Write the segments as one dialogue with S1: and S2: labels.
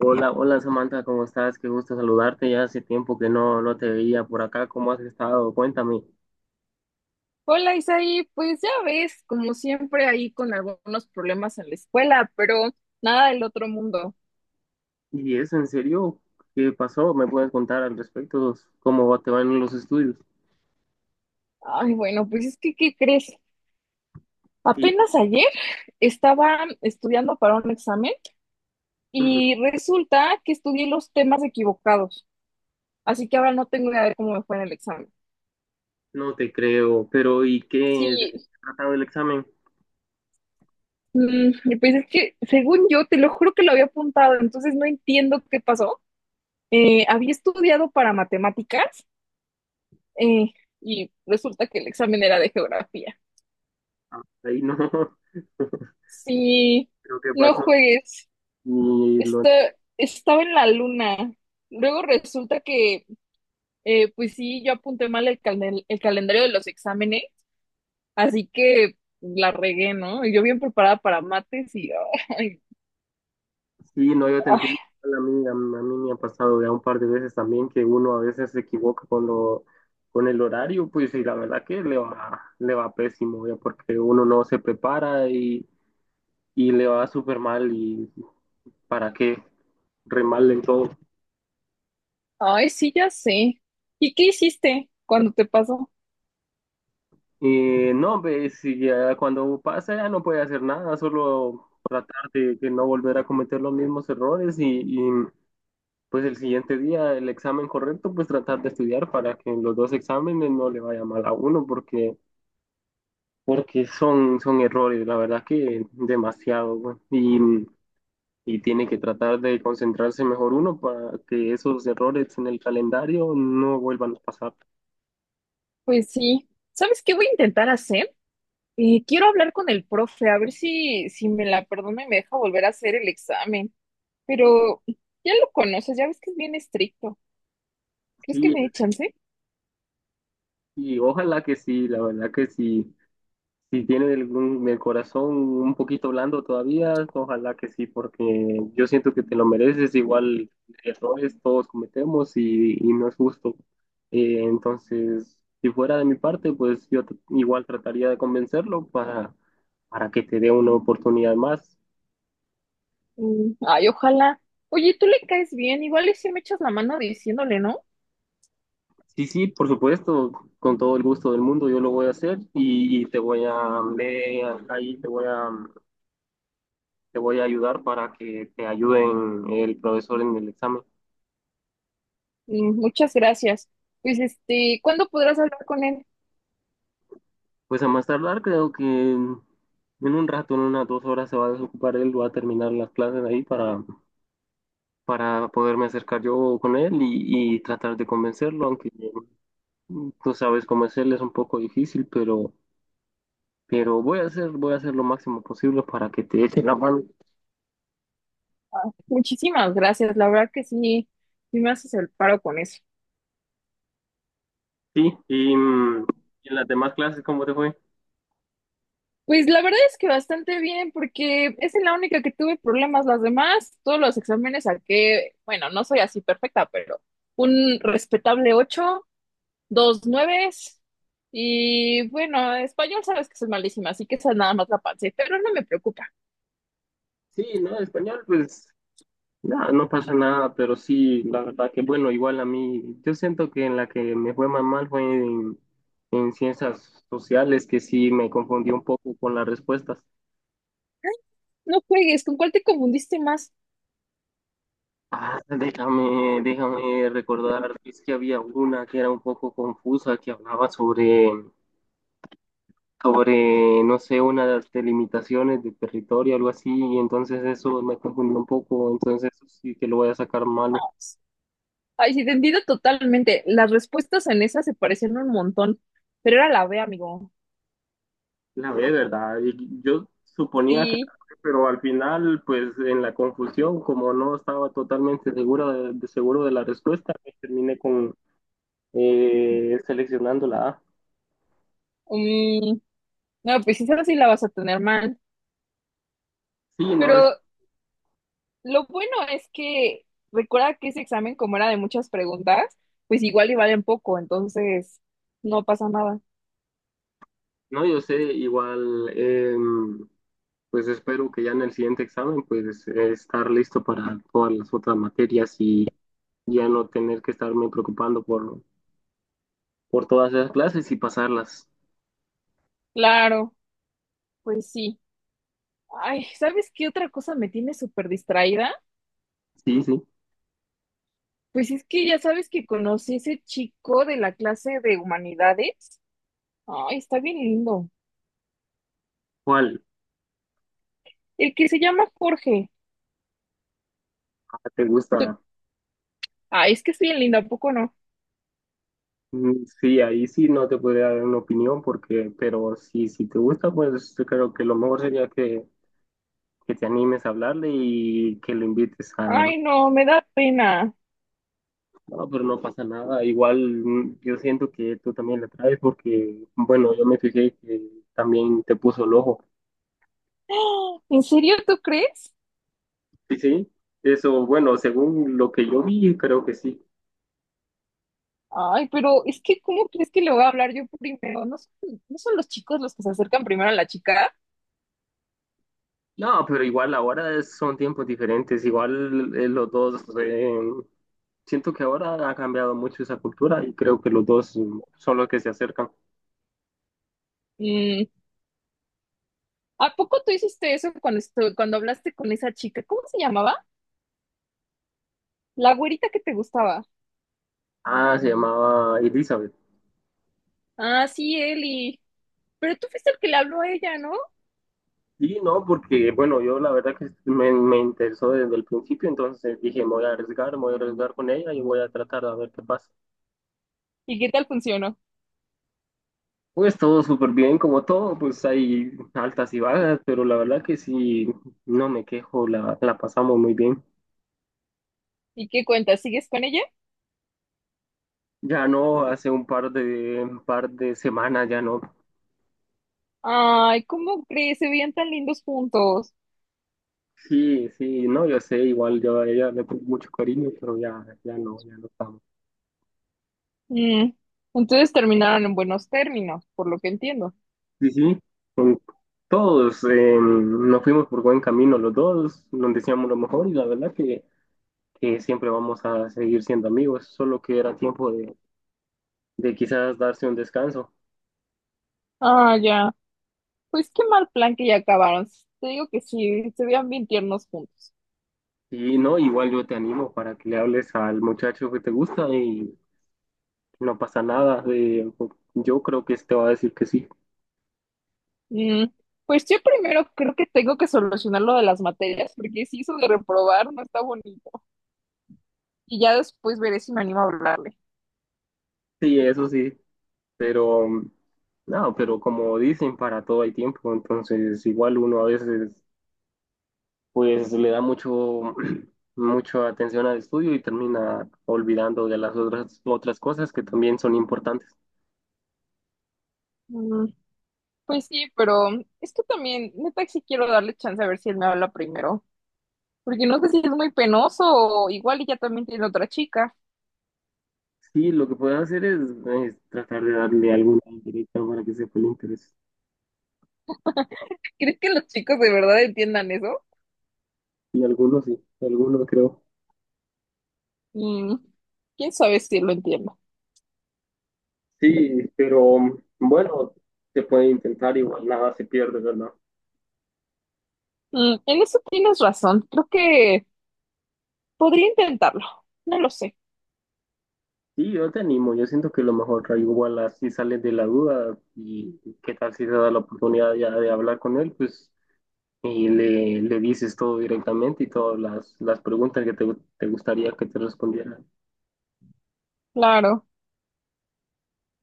S1: Hola, hola Samantha, ¿cómo estás? Qué gusto saludarte. Ya hace tiempo que no, no te veía por acá. ¿Cómo has estado? Cuéntame.
S2: Hola Isaí, pues ya ves, como siempre ahí con algunos problemas en la escuela, pero nada del otro mundo.
S1: ¿Y eso en serio? ¿Qué pasó? ¿Me puedes contar al respecto? ¿Cómo te van los estudios?
S2: Ay, bueno, pues es que, ¿qué crees?
S1: Sí,
S2: Apenas ayer estaba estudiando para un examen
S1: ujú,
S2: y resulta que estudié los temas equivocados, así que ahora no tengo idea de cómo me fue en el examen.
S1: no te creo. Pero ¿y qué? ¿De-
S2: Sí,
S1: ¿Tratado el examen?
S2: y pues es que según yo, te lo juro que lo había apuntado, entonces no entiendo qué pasó. Había estudiado para matemáticas eh, y resulta que el examen era de geografía.
S1: Ah, ahí no.
S2: Sí,
S1: ¿Pero qué
S2: no
S1: pasó?
S2: juegues.
S1: ¿Y lo
S2: Está, Estaba en la luna. Luego resulta que, pues sí, yo apunté mal el, el calendario de los exámenes, así que la regué, ¿no? Y yo bien preparada para mates y, ay,
S1: Sí, no, yo te
S2: ay,
S1: entiendo. A mí me ha pasado ya un par de veces también que uno a veces se equivoca con lo, con el horario, pues y la verdad que le va pésimo, ya porque uno no se prepara y le va súper mal y para qué, re mal en todo.
S2: ay, sí, ya sé. ¿Y qué hiciste cuando te pasó?
S1: No, pues si ya cuando pasa ya no puede hacer nada, solo tratar de no volver a cometer los mismos errores y pues el siguiente día el examen correcto, pues tratar de estudiar para que en los dos exámenes no le vaya mal a uno, porque, porque son errores, la verdad que demasiado, güey. Y tiene que tratar de concentrarse mejor uno para que esos errores en el calendario no vuelvan a pasar.
S2: Pues sí. ¿Sabes qué voy a intentar hacer? Quiero hablar con el profe, a ver si me la perdona y me deja volver a hacer el examen. Pero ya lo conoces, ya ves que es bien estricto. ¿Crees que
S1: Sí,
S2: me dé chance?
S1: y ojalá que sí, la verdad que sí. Si tiene algún, el corazón un poquito blando todavía, ojalá que sí, porque yo siento que te lo mereces. Igual errores todos cometemos y no es justo. Entonces, si fuera de mi parte, pues igual trataría de convencerlo para que te dé una oportunidad más.
S2: Mm, ay, ojalá. Oye, tú le caes bien, igual y si me echas la mano diciéndole, ¿no?
S1: Sí, sí, por supuesto, con todo el gusto del mundo yo lo voy a hacer y te voy a, ve ahí te voy a ayudar para que te ayuden el profesor en el examen.
S2: Mm, muchas gracias. Pues este, ¿cuándo podrás hablar con él?
S1: Pues a más tardar, creo que en un rato, en unas dos horas se va a desocupar él, va a terminar las clases ahí para poderme acercar yo con él y tratar de convencerlo, aunque tú sabes cómo es él, es un poco difícil, pero, pero voy a hacer lo máximo posible para que te eche la mano.
S2: Muchísimas gracias, la verdad que sí, sí me haces el paro con eso.
S1: Sí, en las demás clases, ¿cómo te fue?
S2: Pues la verdad es que bastante bien, porque esa es la única que tuve problemas. Las demás, todos los exámenes saqué, bueno, no soy así perfecta, pero un respetable 8, 2 nueves. Y bueno, español sabes que soy malísima, así que esa nada más la pasé, pero no me preocupa.
S1: Sí, no, español, pues no, no pasa nada, pero sí, la verdad que bueno, igual a mí, yo siento que en la que me fue más mal fue en ciencias sociales, que sí me confundí un poco con las respuestas.
S2: No juegues, ¿con cuál te confundiste más?
S1: Ah, déjame recordar, es que había una que era un poco confusa, que hablaba sobre, no sé, una de las delimitaciones de territorio, algo así, y entonces eso me confundió un poco, entonces eso sí que lo voy a sacar malo.
S2: Ay, sí, te entiendo totalmente. Las respuestas en esa se parecían un montón, pero era la B, amigo.
S1: La B, ¿verdad? Y yo suponía que, la
S2: Sí,
S1: B, pero al final, pues en la confusión, como no estaba totalmente segura seguro de la respuesta, pues, terminé con seleccionando la A.
S2: mm, no, pues esa sí la vas a tener mal.
S1: Sí, no,
S2: Pero lo bueno es que recuerda que ese examen, como era de muchas preguntas, pues igual y valen poco, entonces no pasa nada.
S1: no, yo sé, igual, pues espero que ya en el siguiente examen, pues estar listo para todas las otras materias y ya no tener que estarme preocupando por todas esas clases y pasarlas.
S2: Claro, pues sí. Ay, ¿sabes qué otra cosa me tiene súper distraída?
S1: Sí, sí.
S2: Pues es que ya sabes que conocí a ese chico de la clase de humanidades. Ay, está bien lindo.
S1: ¿Cuál
S2: El que se llama Jorge.
S1: Ah, ¿te
S2: Tú-
S1: gusta?
S2: Ay, es que es bien lindo, ¿a poco no?
S1: Mm, sí, ahí sí no te podría dar una opinión porque, pero si, si te gusta, pues yo creo que lo mejor sería que te animes a hablarle y que lo invites a...
S2: Ay, no, me da pena.
S1: No, pero no pasa nada. Igual yo siento que tú también le traes porque, bueno, yo me fijé que también te puso el ojo.
S2: ¡Ah! ¿En serio tú crees?
S1: Sí, sí. Eso, bueno, según lo que yo vi, creo que sí.
S2: Ay, pero es que ¿cómo crees que le voy a hablar yo primero? No son los chicos los que se acercan primero a la chica?
S1: No, pero igual ahora son tiempos diferentes, igual los dos, siento que ahora ha cambiado mucho esa cultura y creo que los dos son los que se acercan.
S2: Mm, ¿a poco tú hiciste eso cuando cuando hablaste con esa chica? ¿Cómo se llamaba? La güerita que te gustaba.
S1: Ah, se llamaba Elizabeth.
S2: Ah, sí, Eli. Pero tú fuiste el que le habló a ella, ¿no?
S1: Sí, no, porque bueno, yo la verdad que me interesó desde el principio, entonces dije, me voy a arriesgar, me voy a arriesgar con ella y voy a tratar de ver qué pasa.
S2: ¿Y qué tal funcionó?
S1: Pues todo súper bien, como todo, pues hay altas y bajas, pero la verdad que sí, no me quejo, la pasamos muy bien.
S2: ¿Y qué cuentas? ¿Sigues con ella?
S1: Ya no, hace un par de semanas ya no.
S2: Ay, ¿cómo crees? Se veían tan lindos juntos.
S1: Sí, sí, no, yo sé, igual yo a ella le tengo mucho cariño, pero ya, ya no, ya no estamos.
S2: Mm, entonces terminaron en buenos términos, por lo que entiendo.
S1: Sí, sí, con todos nos fuimos por buen camino los dos, nos decíamos lo mejor y la verdad que siempre vamos a seguir siendo amigos, solo que era tiempo de quizás darse un descanso.
S2: Ah, ya. Pues qué mal plan que ya acabaron. Te digo que sí, se veían bien tiernos juntos.
S1: Y no, igual yo te animo para que le hables al muchacho que te gusta y no pasa nada, yo creo que te va a decir que sí.
S2: Mm, pues yo primero creo que tengo que solucionar lo de las materias, porque si eso de reprobar no está bonito. Y ya después veré si me animo a hablarle.
S1: Sí, eso sí. Pero, no, pero como dicen, para todo hay tiempo, entonces igual uno a veces pues le da mucho, mucha atención al estudio y termina olvidando de las otras, otras cosas que también son importantes.
S2: Pues sí, pero es que también, neta, sí quiero darle chance a ver si él me habla primero. Porque no sé si es muy penoso o igual y ya también tiene otra chica.
S1: Sí, lo que puedes hacer es tratar de darle alguna indirecta para que sepa el interés.
S2: ¿Crees que los chicos de verdad entiendan eso?
S1: Y algunos sí, algunos creo.
S2: Mm, quién sabe si lo entiendo.
S1: Sí, pero bueno, se puede intentar, igual nada se pierde, ¿verdad?
S2: Mm, en eso tienes razón. Creo que podría intentarlo. No lo sé.
S1: Sí, yo te animo, yo siento que lo mejor, Rayo, igual así sales de la duda y qué tal si te da la oportunidad ya de hablar con él, pues y le dices todo directamente y todas las preguntas que te gustaría que te respondieran.
S2: Claro.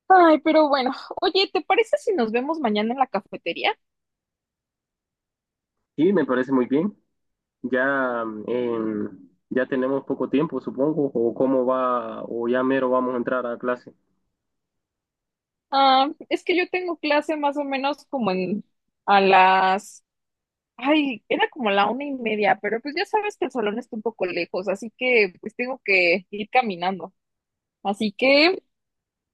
S2: Ay, pero bueno. Oye, ¿te parece si nos vemos mañana en la cafetería?
S1: Sí, me parece muy bien. Ya, ya tenemos poco tiempo, supongo, o cómo va, o ya mero vamos a entrar a clase.
S2: Ah, es que yo tengo clase más o menos como en a las ay, era como la 1:30, pero pues ya sabes que el salón está un poco lejos, así que pues tengo que ir caminando. Así que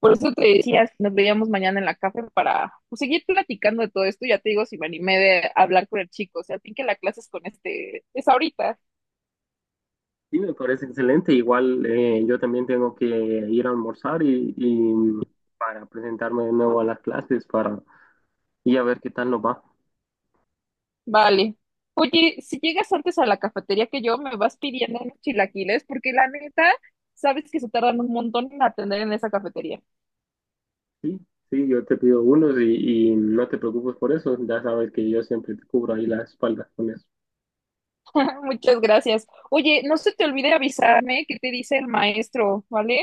S2: por eso te decía, si nos veíamos mañana en la café para pues, seguir platicando de todo esto. Ya te digo si me animé de hablar con el chico, o sea, a ti que la clase es con este, es ahorita.
S1: Sí, me parece excelente. Igual yo también tengo que ir a almorzar y para presentarme de nuevo a las clases para y a ver qué tal nos va.
S2: Vale. Oye, si llegas antes a la cafetería que yo, me vas pidiendo unos chilaquiles, porque la neta, sabes que se tardan un montón en atender en esa cafetería.
S1: Sí, sí, yo te pido unos y no te preocupes por eso, ya sabes que yo siempre te cubro ahí la espalda con eso.
S2: Muchas gracias. Oye, no se te olvide avisarme qué te dice el maestro, ¿vale?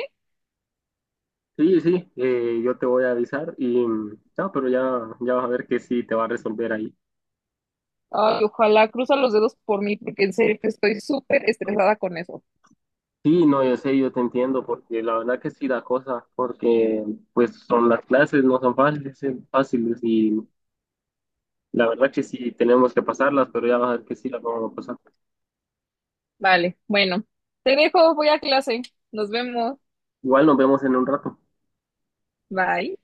S1: Sí, sí, yo te voy a avisar y no, pero ya, ya vas a ver que sí te va a resolver ahí.
S2: Ay, ojalá cruza los dedos por mí, porque en serio que estoy súper estresada con eso.
S1: Sí, no, yo sé, yo te entiendo, porque la verdad que sí da cosa, porque pues son las clases, no son fáciles, fáciles y la verdad que sí tenemos que pasarlas, pero ya vas a ver que sí las vamos a pasar.
S2: Vale, bueno, te dejo, voy a clase. Nos vemos.
S1: Igual nos vemos en un rato.
S2: Bye.